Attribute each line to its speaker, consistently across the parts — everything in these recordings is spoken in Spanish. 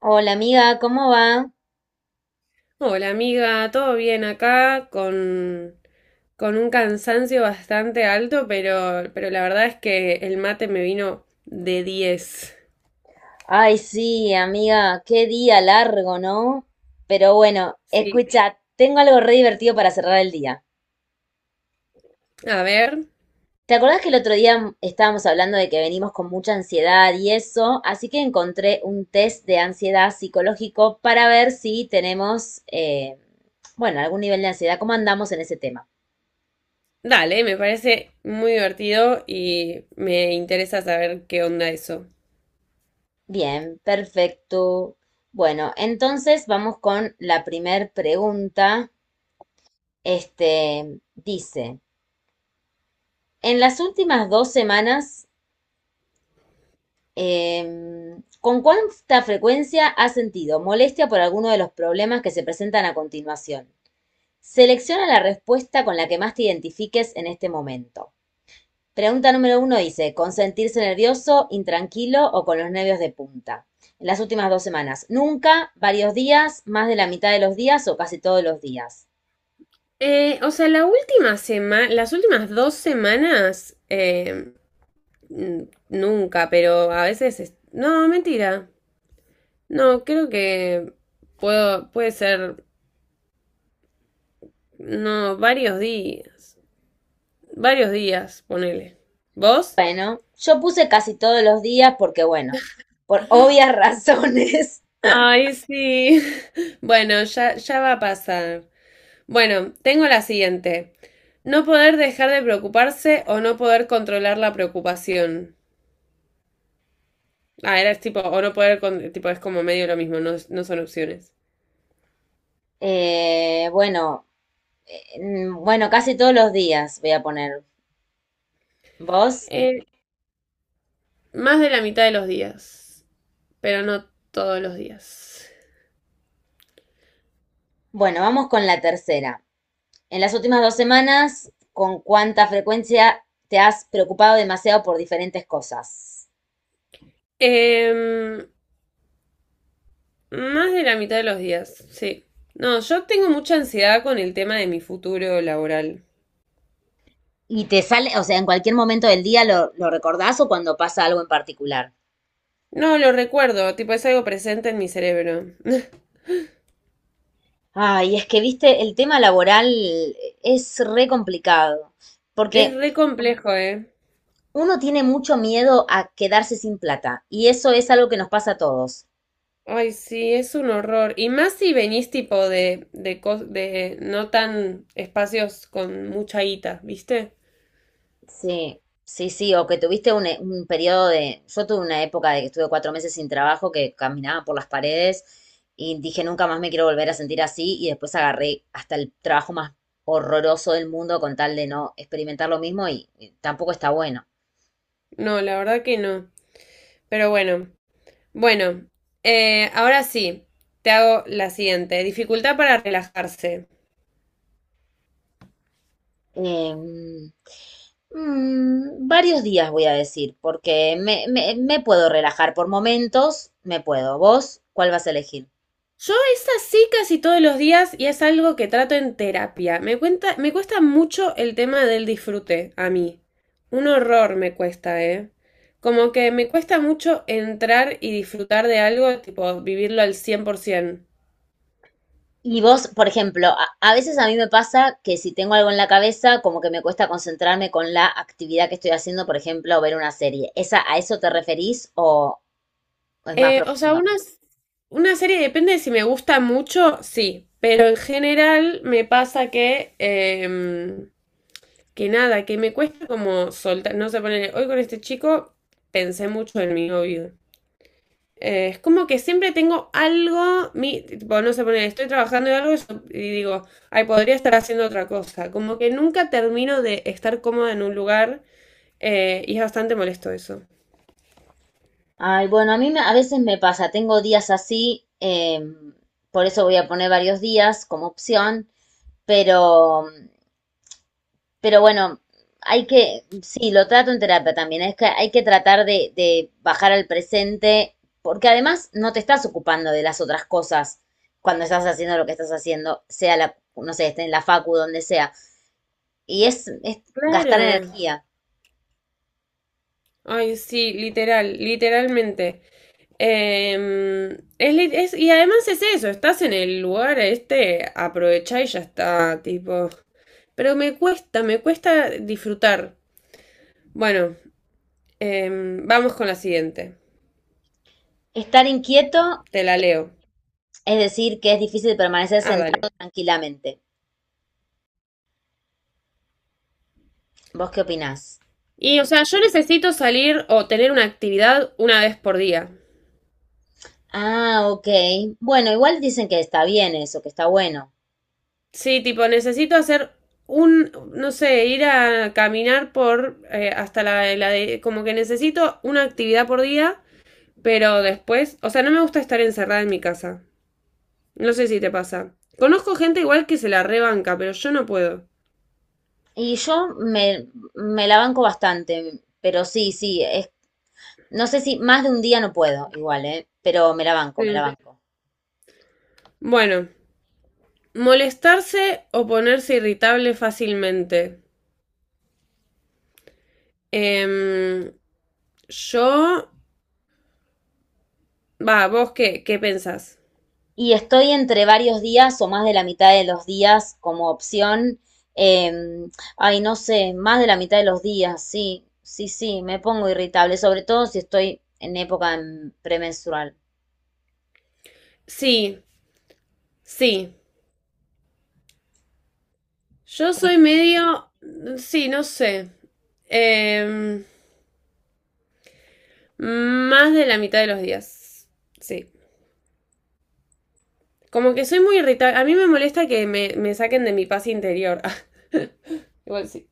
Speaker 1: Hola amiga, ¿cómo va?
Speaker 2: Hola amiga, todo bien acá con un cansancio bastante alto, pero la verdad es que el mate me vino de diez.
Speaker 1: Ay, sí, amiga, qué día largo, ¿no? Pero bueno,
Speaker 2: Sí.
Speaker 1: escucha, tengo algo re divertido para cerrar el día.
Speaker 2: A ver,
Speaker 1: ¿Te acordás que el otro día estábamos hablando de que venimos con mucha ansiedad y eso? Así que encontré un test de ansiedad psicológico para ver si tenemos, bueno, algún nivel de ansiedad, cómo andamos en ese tema.
Speaker 2: dale, me parece muy divertido y me interesa saber qué onda eso.
Speaker 1: Bien, perfecto. Bueno, entonces vamos con la primer pregunta. Este dice. En las últimas dos semanas, eh, ¿con cuánta frecuencia has sentido molestia por alguno de los problemas que se presentan a continuación? Selecciona la respuesta con la que más te identifiques en este momento. Pregunta número uno dice, ¿con sentirse nervioso, intranquilo o con los nervios de punta? En las últimas dos semanas, nunca, varios días, más de la mitad de los días o casi todos los días.
Speaker 2: O sea, la última semana, las últimas dos semanas, nunca, pero a veces no, mentira. No, creo que puede ser. No, varios días. Varios días, ponele. ¿Vos?
Speaker 1: Bueno, yo puse casi todos los días porque, bueno, por obvias razones.
Speaker 2: Ay, sí. Bueno, ya va a pasar. Bueno, tengo la siguiente. No poder dejar de preocuparse o no poder controlar la preocupación. Ah, era tipo, o no poder, tipo, es como medio lo mismo, no son opciones.
Speaker 1: Bueno, bueno, casi todos los días voy a poner. ¿Vos?
Speaker 2: Eh, más de la mitad de los días, pero no todos los días.
Speaker 1: Bueno, vamos con la tercera. En las últimas dos semanas, ¿con cuánta frecuencia te has preocupado demasiado por diferentes cosas?
Speaker 2: Em, Más de la mitad de los días, sí. No, yo tengo mucha ansiedad con el tema de mi futuro laboral.
Speaker 1: Y te sale, o sea, en cualquier momento del día lo recordás o cuando pasa algo en particular.
Speaker 2: No, lo recuerdo, tipo es algo presente en mi cerebro.
Speaker 1: Ay, es que, viste, el tema laboral es re complicado,
Speaker 2: Es
Speaker 1: porque
Speaker 2: re complejo, ¿eh?
Speaker 1: uno tiene mucho miedo a quedarse sin plata, y eso es algo que nos pasa a todos.
Speaker 2: Ay, sí, es un horror. Y más si venís tipo de no tan espacios con mucha guita, ¿viste?
Speaker 1: Sí, sí, sí, o que tuviste un, un periodo de... Yo tuve una época de que estuve cuatro meses sin trabajo, que caminaba por las paredes y dije, nunca más me quiero volver a sentir así, y después agarré hasta el trabajo más horroroso del mundo con tal de no experimentar lo mismo y tampoco está bueno.
Speaker 2: No, la verdad que no. Pero bueno, bueno, ahora sí, te hago la siguiente. Dificultad para relajarse.
Speaker 1: Em, varios días voy a decir, porque me puedo relajar por momentos, me puedo. ¿Vos cuál vas a elegir?
Speaker 2: Yo es así casi todos los días y es algo que trato en terapia. Me cuesta mucho el tema del disfrute a mí. Un horror me cuesta, ¿eh? Como que me cuesta mucho entrar y disfrutar de algo, tipo vivirlo al 100%.
Speaker 1: Y vos, por ejemplo, a veces a mí me pasa que si tengo algo en la cabeza, como que me cuesta concentrarme con la actividad que estoy haciendo, por ejemplo, ver una serie. ¿Esa, a eso te referís o es más
Speaker 2: Eh, o sea,
Speaker 1: profundo?
Speaker 2: una, una serie depende de si me gusta mucho, sí, pero en general me pasa que, que nada, que me cuesta como soltar, no sé, poner, hoy con este chico pensé mucho en mi novio. Es como que siempre tengo algo, tipo, no sé, poner, estoy trabajando en algo y digo, ay, podría estar haciendo otra cosa. Como que nunca termino de estar cómoda en un lugar, y es bastante molesto eso.
Speaker 1: Ay, bueno, a mí me- a veces me pasa, tengo días así, por eso voy a poner varios días como opción, pero Pero bueno, hay que, sí, lo trato en terapia también, es que hay que tratar de bajar al presente, porque además no te estás ocupando de las otras cosas cuando estás haciendo lo que estás haciendo, sea la, no sé, esté en la facu, donde sea. Y es gastar
Speaker 2: Claro.
Speaker 1: energía.
Speaker 2: Ay, sí, literal, literalmente. Em, y además es eso, estás en el lugar este, aprovechá y ya está, tipo. Pero me cuesta disfrutar. Bueno, vamos con la siguiente.
Speaker 1: Estar inquieto
Speaker 2: Te la leo.
Speaker 1: es decir que es difícil permanecer
Speaker 2: Ah, dale.
Speaker 1: sentado tranquilamente. ¿Vos qué opinás?
Speaker 2: Y, o sea, yo necesito salir o tener una actividad una vez por día.
Speaker 1: Ah, ok. Bueno, igual dicen que está bien eso, que está bueno.
Speaker 2: Sí, tipo, necesito hacer un, no sé, ir a caminar por hasta como que necesito una actividad por día, pero después, o sea, no me gusta estar encerrada en mi casa. No sé si te pasa. Conozco gente igual que se la rebanca, pero yo no puedo.
Speaker 1: Y yo me la banco bastante, pero sí, sí, es, no sé si más de un día no puedo, igual, ¿eh? Pero me la banco, me la
Speaker 2: Sí.
Speaker 1: banco.
Speaker 2: Bueno, molestarse o ponerse irritable fácilmente. Em, yo vos qué pensás?
Speaker 1: Y estoy entre varios días o más de la mitad de los días como opción. em, ay, no sé, más de la mitad de los días, sí, sí, sí, me pongo irritable, sobre todo si estoy en época premenstrual.
Speaker 2: Sí, sí. Yo soy medio... Sí, no sé. Em, Más de la mitad de los días. Sí. Como que soy muy irritable. A mí me molesta que me saquen de mi paz interior. Ah, igual sí.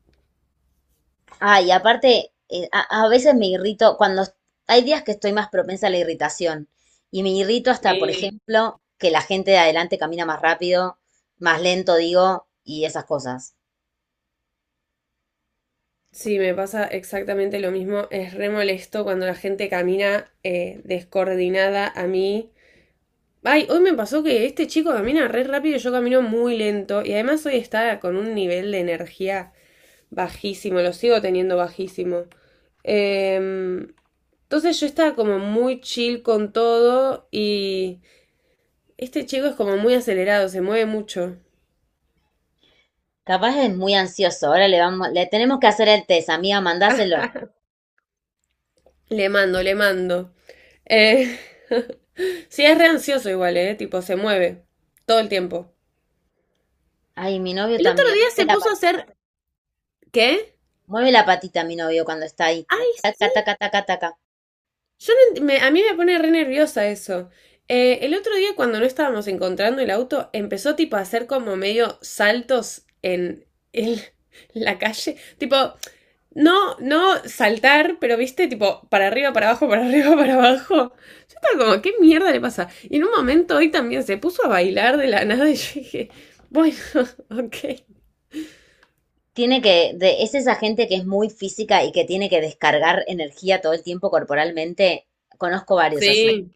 Speaker 1: Ay, aparte, a veces me irrito cuando est- hay días que estoy más propensa a la irritación y me irrito hasta, por sí,
Speaker 2: Sí.
Speaker 1: ejemplo, que la gente de adelante camina más rápido, más lento, digo, y esas cosas.
Speaker 2: Sí, me pasa exactamente lo mismo. Es re molesto cuando la gente camina descoordinada a mí. Ay, hoy me pasó que este chico camina re rápido y yo camino muy lento. Y además hoy está con un nivel de energía bajísimo, lo sigo teniendo bajísimo. Em, entonces yo estaba como muy chill con todo y este chico es como muy acelerado, se mueve mucho.
Speaker 1: Capaz es muy ansioso. Ahora le vamos, le tenemos que hacer el test, amiga, mandáselo.
Speaker 2: Le mando, le mando. Eh, sí, es re ansioso igual, ¿eh? Tipo, se mueve todo el tiempo.
Speaker 1: Ay, mi novio
Speaker 2: El otro
Speaker 1: también.
Speaker 2: día se
Speaker 1: Mueve la
Speaker 2: puso a
Speaker 1: patita.
Speaker 2: hacer... ¿Qué?
Speaker 1: Mueve la patita mi novio cuando está ahí.
Speaker 2: Ay, sí,
Speaker 1: Taca, taca, taca, taca.
Speaker 2: yo no ent- me- a mí me pone re nerviosa eso. El otro día cuando no estábamos encontrando el auto, empezó tipo a hacer como medio saltos en la calle. Tipo, no saltar, pero viste, tipo, para arriba, para abajo, para arriba, para abajo. Yo estaba como, ¿qué mierda le pasa? Y en un momento hoy también se puso a bailar de la nada y yo dije, bueno, ok.
Speaker 1: Tiene que, de, es esa gente que es muy física y que tiene que descargar energía todo el tiempo corporalmente. Conozco varios así.
Speaker 2: Sí,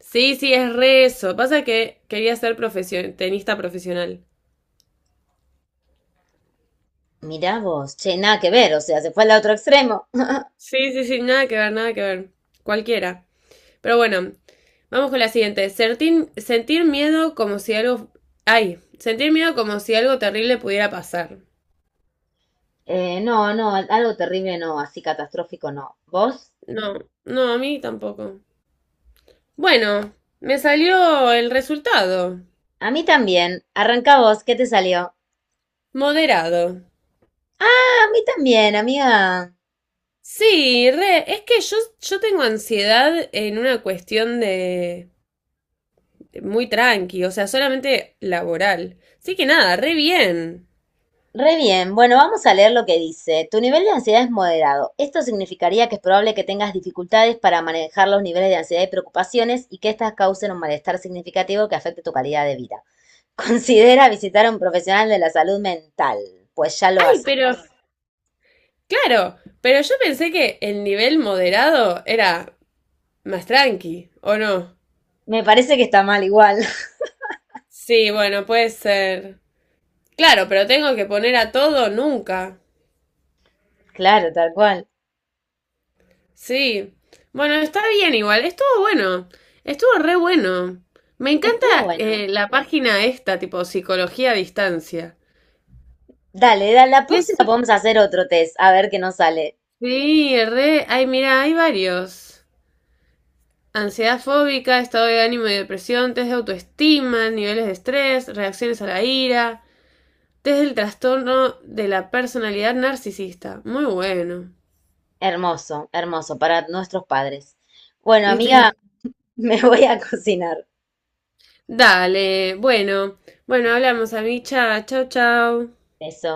Speaker 2: sí, sí, es re eso. Pasa que quería ser tenista profesional.
Speaker 1: Mirá vos, che, nada que ver, o sea, se fue al otro extremo.
Speaker 2: Sí, sí, sí, nada que ver, nada que ver. Cualquiera. Pero bueno, vamos con la siguiente. Sentir miedo como si algo... Ay, sentir miedo como si algo terrible pudiera pasar.
Speaker 1: No, no, algo terrible no, así catastrófico no. ¿Vos?
Speaker 2: No, no, a mí tampoco. Bueno, me salió el resultado.
Speaker 1: A mí también. Arranca vos, ¿qué te salió? A
Speaker 2: Moderado.
Speaker 1: mí también, amiga.
Speaker 2: Sí, re, es que yo tengo ansiedad en una cuestión de muy tranqui, o sea, solamente laboral. Así que nada, re bien.
Speaker 1: Re bien, bueno, vamos a leer lo que dice. Tu nivel de ansiedad es moderado. Esto significaría que es probable que tengas dificultades para manejar los niveles de ansiedad y preocupaciones y que estas causen un malestar significativo que afecte tu calidad de vida. Considera visitar a un profesional de la salud mental, pues ya lo
Speaker 2: Ay,
Speaker 1: hacemos.
Speaker 2: pero claro, pero yo pensé que el nivel moderado era más tranqui, ¿o no?
Speaker 1: Me parece que está mal igual.
Speaker 2: Sí, bueno, puede ser. Claro, pero tengo que poner a todo nunca.
Speaker 1: Claro, tal cual.
Speaker 2: Sí. Bueno, está bien igual, estuvo bueno, estuvo re bueno. Me encanta
Speaker 1: Estuvo bueno.
Speaker 2: la página esta, tipo psicología a distancia.
Speaker 1: Dale, da- la
Speaker 2: Es-
Speaker 1: próxima podemos hacer otro test, a ver qué nos sale.
Speaker 2: Sí, re. Ay, mira, hay varios. Ansiedad fóbica, estado de ánimo y depresión, test de autoestima, niveles de estrés, reacciones a la ira, desde el trastorno de la personalidad narcisista. Muy bueno.
Speaker 1: Hermoso, hermoso, para nuestros padres. Bueno, amiga,
Speaker 2: Literal.
Speaker 1: me voy a cocinar.
Speaker 2: Dale, bueno, bueno, hablamos, amicha. Chau, chau.
Speaker 1: Eso.